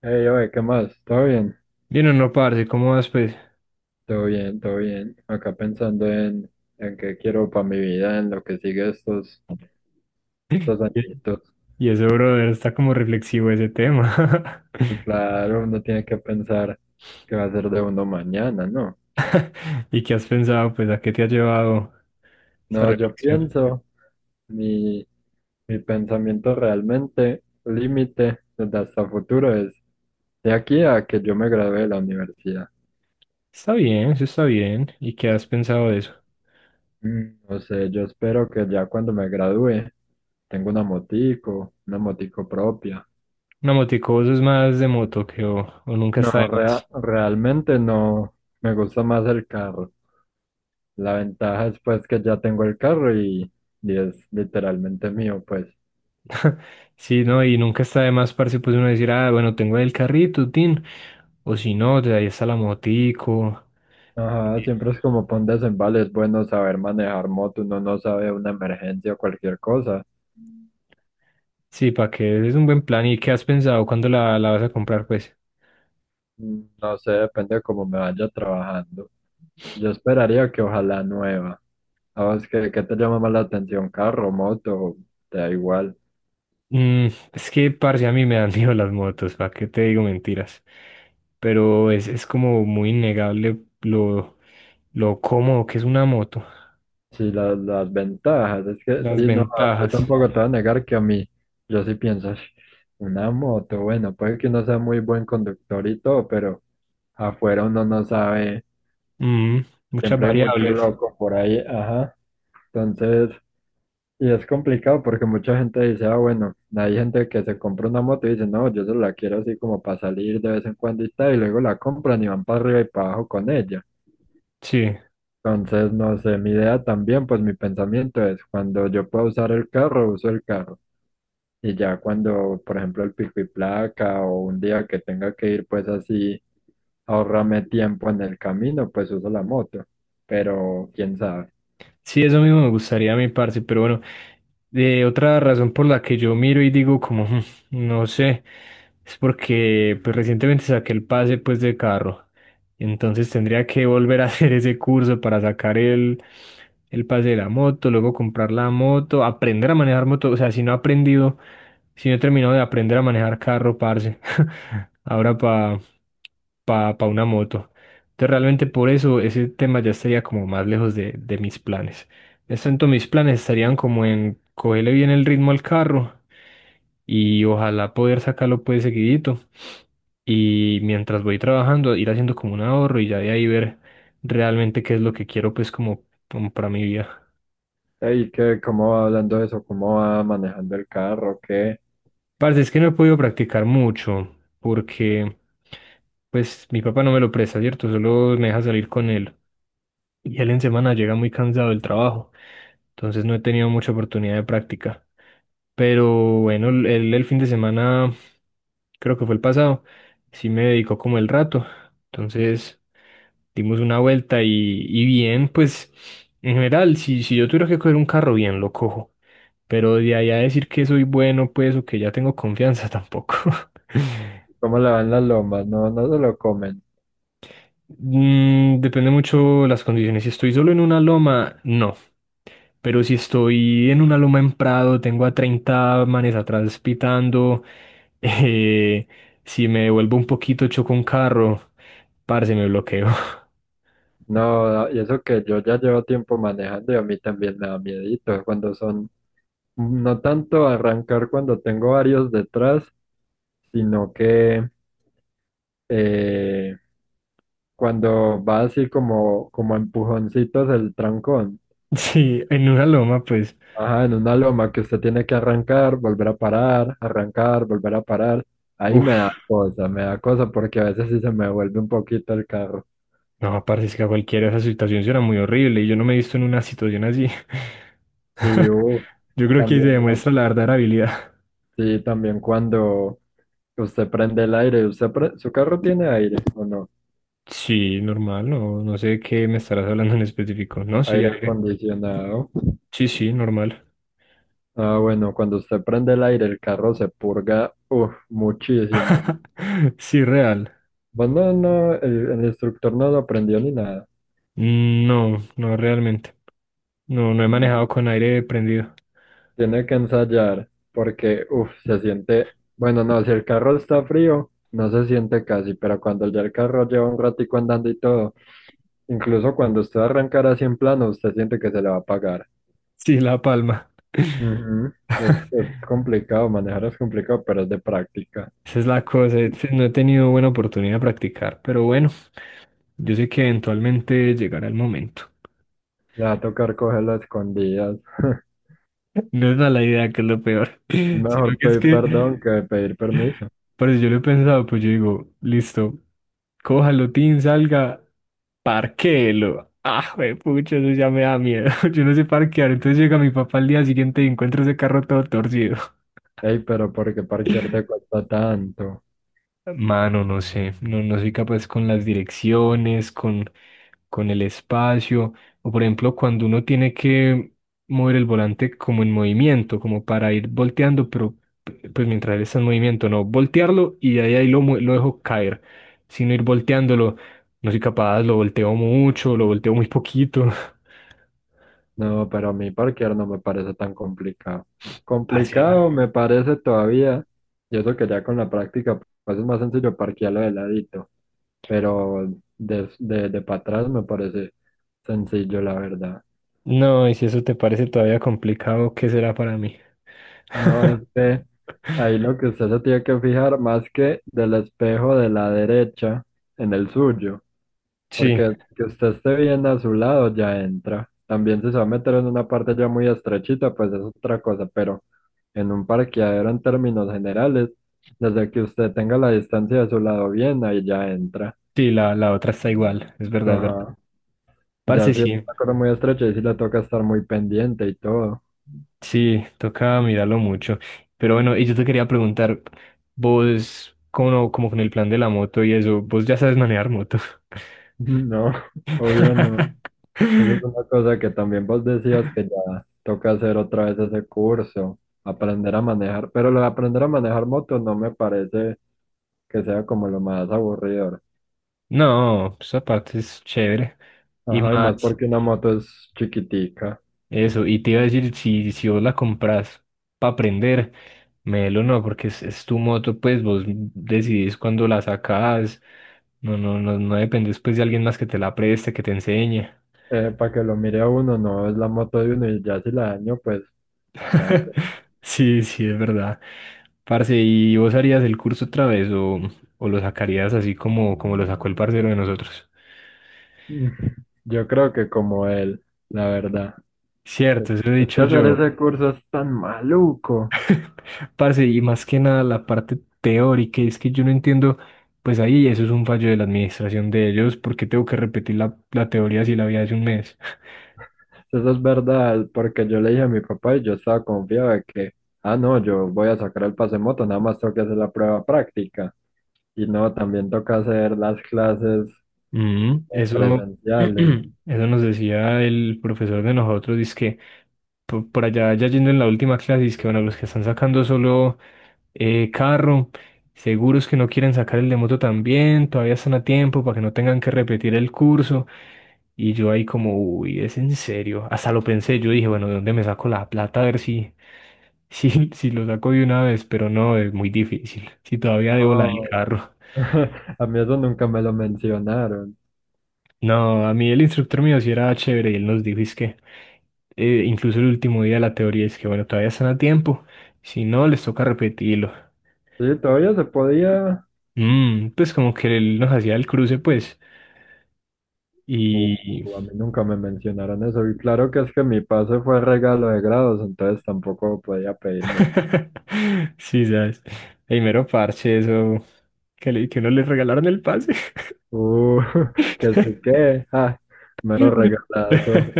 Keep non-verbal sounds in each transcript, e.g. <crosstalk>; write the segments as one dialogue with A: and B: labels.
A: Hey, oye, ¿qué más? ¿Todo bien?
B: Bien o no, parce, ¿cómo vas, pues?
A: Todo bien, todo bien. Acá pensando en qué quiero para mi vida, en lo que sigue estos,
B: <laughs>
A: estos añitos.
B: Y ese brother está como reflexivo ese tema.
A: Y claro, uno tiene que pensar qué va a ser de uno mañana, ¿no?
B: <laughs> ¿Y qué has pensado, pues, a qué te ha llevado esa
A: No, yo
B: reflexión?
A: pienso, mi, mi pensamiento realmente, límite, desde hasta futuro es de aquí a que yo me gradúe de la universidad.
B: Está bien, eso está bien. ¿Y qué has pensado de eso?
A: No sé, yo espero que ya cuando me gradúe, tengo una motico propia.
B: Una motico, vos es más de moto que o nunca está de
A: No,
B: más.
A: realmente no. Me gusta más el carro. La ventaja es pues que ya tengo el carro y es literalmente mío, pues.
B: <laughs> Sí, no, y nunca está de más, parce, pues uno decir, ah, bueno, tengo el carrito, tin. O si no, de ahí está la motico.
A: Ajá, siempre es como pon desembales es bueno saber manejar moto, uno no sabe una emergencia o cualquier cosa.
B: Sí, para que es un buen plan. ¿Y qué has pensado? ¿Cuándo la vas a comprar, pues?
A: No sé, depende de cómo me vaya trabajando. Yo esperaría que ojalá nueva. A ¿Sabes qué te llama más la atención? ¿Carro, moto? Te da igual.
B: Mm, es que, parce, a mí me dan <laughs> miedo las motos, ¿para qué te digo mentiras? Pero es como muy innegable lo cómodo que es una moto,
A: Sí, las ventajas, es que
B: las
A: sí, no, yo
B: ventajas,
A: tampoco te voy a negar que a mí, yo sí pienso: "Ush, una moto, bueno, puede que uno sea muy buen conductor y todo, pero afuera uno no sabe,
B: mm, muchas
A: siempre hay mucho
B: variables,
A: loco por ahí, ajá, entonces, y es complicado porque mucha gente dice, ah, bueno, hay gente que se compra una moto y dice, no, yo solo la quiero así como para salir de vez en cuando y tal, y luego la compran y van para arriba y para abajo con ella".
B: sí.
A: Entonces, no sé, mi idea también, pues mi pensamiento es, cuando yo pueda usar el carro, uso el carro. Y ya cuando, por ejemplo, el pico y placa o un día que tenga que ir, pues así, ahorrame tiempo en el camino, pues uso la moto. Pero, quién sabe.
B: Sí, eso mismo me gustaría a mi parce, pero bueno, otra razón por la que yo miro y digo como: "Hmm, no sé". Es porque pues recientemente saqué el pase pues de carro, entonces tendría que volver a <laughs> hacer ese curso para sacar el pase de la moto, luego comprar la moto, aprender a manejar moto, o sea, si no he aprendido, si no he terminado de aprender a manejar carro, parce, <laughs> ahora para una moto. Entonces realmente por eso ese tema ya estaría como más lejos de mis planes. Es tanto mis planes estarían como en cogerle bien el ritmo al carro y ojalá poder sacarlo pues seguidito y mientras voy trabajando ir haciendo como un ahorro y ya de ahí ver realmente qué es lo que quiero pues como para mi vida.
A: ¿Y qué? ¿Cómo va hablando de eso? ¿Cómo va manejando el carro? ¿Qué?
B: Parce, es que no he podido practicar mucho porque pues mi papá no me lo presta, ¿cierto? Solo me deja salir con él y él en semana llega muy cansado del trabajo. Entonces no he tenido mucha oportunidad de práctica. Pero bueno, el fin de semana, creo que fue el pasado, sí me dedicó como el rato. Entonces dimos una vuelta y bien, pues en general, si yo tuviera que coger un carro, bien lo cojo. Pero de ahí a decir que soy bueno, pues, o que ya tengo confianza, <laughs> tampoco.
A: ¿Cómo le van las lomas? No, no se lo comen.
B: Depende mucho las condiciones. Si estoy solo en una loma, no. Pero si estoy en una loma en Prado, tengo a 30 manes atrás pitando, <laughs> eh, si me devuelvo un poquito, choco un carro, parce, me bloqueo. <laughs>
A: No, y eso que yo ya llevo tiempo manejando y a mí también me da miedito cuando son no tanto arrancar cuando tengo varios detrás, sino que eh, cuando va así como a empujoncitos el trancón.
B: Sí, en una loma, pues,
A: Ajá, en una loma que usted tiene que arrancar, volver a parar, arrancar, volver a parar. Ahí
B: uff,
A: me da cosa porque a veces sí se me vuelve un poquito el carro.
B: no, parce, es que a cualquiera esa situación suena muy horrible y yo no me he visto en una situación así.
A: Sí,
B: <laughs> Yo creo que ahí se
A: también, ¿no?
B: demuestra la verdadera habilidad.
A: Sí, también cuando usted prende el aire, usted su carro tiene aire o no,
B: Sí, normal, no, no sé de qué me estarás hablando en específico. No, sí,
A: aire
B: aire.
A: acondicionado.
B: Sí, sí, normal.
A: Ah, bueno, cuando usted prende el aire, el carro se purga, uff, muchísimo.
B: <laughs> Sí, real.
A: Bueno, no, no, el instructor no lo aprendió ni nada.
B: Mm, no, no realmente. No, no he manejado con aire prendido. <laughs>
A: Tiene que ensayar porque, uff, se siente, bueno, no, si el carro está frío, no se siente casi, pero cuando ya el carro lleva un ratico andando y todo, incluso cuando usted arrancar así en plano, usted siente que se le va a apagar.
B: Sí, la palma.
A: Ujú. Es complicado, manejar es complicado, pero es de práctica.
B: Esa es la cosa. No he tenido buena oportunidad de practicar, pero bueno, yo sé que eventualmente llegará el momento.
A: Le va a tocar cogerlo a escondidas. <laughs>
B: <laughs> No es mala idea, que es lo peor. <laughs> Sino
A: Mejor
B: que es
A: pedir
B: que,
A: perdón que pedir permiso.
B: por eso yo lo he pensado, pues yo digo, listo, cójalo, tin, salga, parquéelo. <laughs> Ah, pucha, eso ya me da miedo. <laughs> Yo no sé parquear. Entonces llega mi papá al día siguiente y encuentro ese carro todo torcido.
A: Ey, pero ¿por qué parquear te cuesta tanto?
B: Mano, no sé, no, no soy capaz con las direcciones, con el espacio, o por ejemplo, cuando uno tiene que mover el volante como en movimiento, como para ir volteando, pero pues mientras él está en movimiento, no voltearlo y de ahí lo dejo caer, sino ir volteándolo, no soy capaz, lo volteo mucho, lo volteo muy poquito. <laughs>
A: No, pero a mí parquear no me parece tan complicado.
B: Parce,
A: Complicado me parece todavía, y eso que ya con la práctica, pues es más sencillo parquearlo de ladito, pero de para atrás me parece sencillo, la verdad.
B: no, y si eso te parece todavía complicado, ¿qué será para mí?
A: No, es
B: <laughs>
A: que ahí lo que usted se tiene que fijar más que del espejo de la derecha en el suyo.
B: Sí,
A: Porque que usted esté bien a su lado ya entra. También si se va a meter en una parte ya muy estrechita, pues es otra cosa, pero en un parqueadero en términos generales, desde que usted tenga la distancia de su lado bien, ahí ya entra.
B: sí, la otra está igual, es verdad.
A: Ajá.
B: Parce,
A: Ya si es
B: sí,
A: una cosa muy estrecha y si le toca estar muy pendiente y todo. <laughs>
B: sí, toca mirarlo mucho. Pero bueno, y yo te quería preguntar, vos, como, con el plan de la moto y eso, vos ya sabes manejar moto.
A: No, obvio no.
B: <laughs>
A: Esa es una cosa que también vos decías que ya toca hacer otra vez ese curso, aprender a manejar, pero lo de aprender a manejar moto no me parece que sea como lo más aburridor.
B: No, esa parte es chévere. Y
A: Ajá, y más
B: más,
A: porque una moto es chiquitica.
B: eso, y te iba a decir, si vos la compras para aprender, lo no, porque es tu moto, pues vos decidís cuando la sacás, no, no, no, no dependes pues de alguien más que te la preste, que te enseñe.
A: Para que lo mire a uno, no es la moto de uno y ya si la daño, pues nada hacer.
B: <laughs> Sí, sí, es verdad. Parce, ¿y vos harías el curso otra vez o lo sacarías así como lo sacó el parcero de nosotros?
A: <laughs> Yo creo que como él, la verdad.
B: Cierto, eso he
A: Es que
B: dicho
A: hacer
B: yo.
A: ese curso es tan maluco.
B: Parce, y más que nada la parte teórica, es que yo no entiendo, pues ahí eso es un fallo de la administración de ellos. ¿Porque tengo que repetir la teoría si la había hace un mes?
A: Eso es verdad, porque yo le dije a mi papá y yo estaba confiado de que, ah, no, yo voy a sacar el pase moto, nada más tengo que hacer la prueba práctica. Y no, también toca hacer las clases
B: Mm, eso, <clears throat>
A: presenciales.
B: eso nos decía el profesor de nosotros, dice que por allá, ya yendo en la última clase, dice que bueno, los que están sacando solo carro, seguros que no quieren sacar el de moto también, todavía están a tiempo para que no tengan que repetir el curso. Y yo ahí como, uy, es en serio. Hasta lo pensé, yo dije, bueno, ¿de dónde me saco la plata? A ver <laughs> si lo saco de una vez, pero no, es muy difícil. Si todavía debo la del
A: No,
B: carro.
A: <laughs> a mí eso nunca me lo mencionaron.
B: No, a mí el instructor mío sí era chévere y él nos dijo, es que, incluso el último día de la teoría es que, bueno, todavía están a tiempo. Si no, les toca repetirlo.
A: Sí, todavía se podía.
B: Pues como que él nos hacía el cruce, pues. Y
A: A mí nunca me mencionaron eso. Y claro que es que mi pase fue regalo de grados, entonces tampoco podía pedir mucho.
B: <laughs> sí, sabes. Ey, mero parche, eso. Que no le regalaron el pase.
A: Uh, <laughs> que sí
B: <laughs>
A: que, mero regalazo.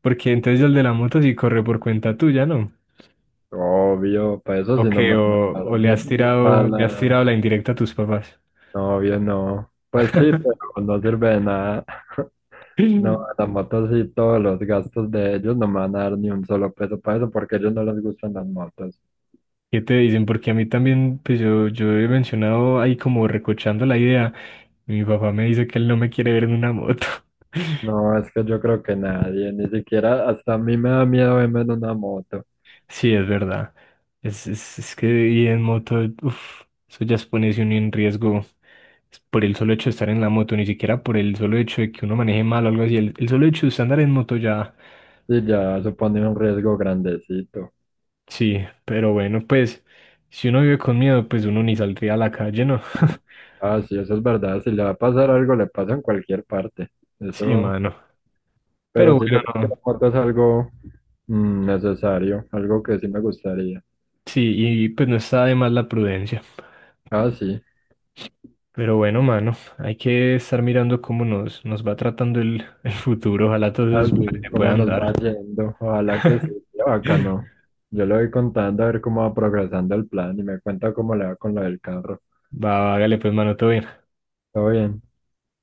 B: Porque entonces el de la moto sí corre por cuenta tuya, ¿no?
A: Obvio, para eso sí
B: Ok,
A: no me van a
B: o,
A: dar,
B: o
A: ni, ni para
B: le has
A: la
B: tirado la indirecta a tus papás.
A: novia, no. Pues sí,
B: <laughs>
A: pero no sirve de nada. <laughs>
B: ¿Qué
A: No, a la moto sí, todos los gastos de ellos no me van a dar ni un solo peso para eso porque a ellos no les gustan las motos.
B: te dicen? Porque a mí también, pues yo he mencionado ahí como recochando la idea. Y mi papá me dice que él no me quiere ver en una moto. <laughs>
A: No, es que yo creo que nadie, ni siquiera hasta a mí me da miedo verme en una moto.
B: Sí, es verdad. Es que ir en moto, uff, eso ya es ponerse uno en riesgo. Es por el solo hecho de estar en la moto, ni siquiera por el solo hecho de que uno maneje mal o algo así. El solo hecho de usted andar en moto ya,
A: Y ya supone un riesgo grandecito.
B: sí, pero bueno, pues si uno vive con miedo, pues uno ni saldría a la calle, ¿no? <laughs>
A: Ah, sí, eso es verdad. Si le va a pasar algo, le pasa en cualquier parte.
B: Sí,
A: Eso,
B: mano.
A: pero
B: Pero
A: sí, yo
B: bueno,
A: creo que la
B: no.
A: moto es algo necesario, algo que sí me gustaría.
B: Sí, y pues no está de más la prudencia.
A: Ah, sí,
B: Pero bueno, mano, hay que estar mirando cómo nos va tratando el, <laughs> el futuro. Ojalá todos esos planes
A: así,
B: se
A: cómo
B: puedan
A: nos va
B: dar.
A: yendo. Ojalá que sí,
B: <laughs>
A: qué
B: Va,
A: bacano. Yo le voy contando a ver cómo va progresando el plan y me cuenta cómo le va con lo del carro.
B: va, hágale pues, mano, todo bien.
A: Todo bien.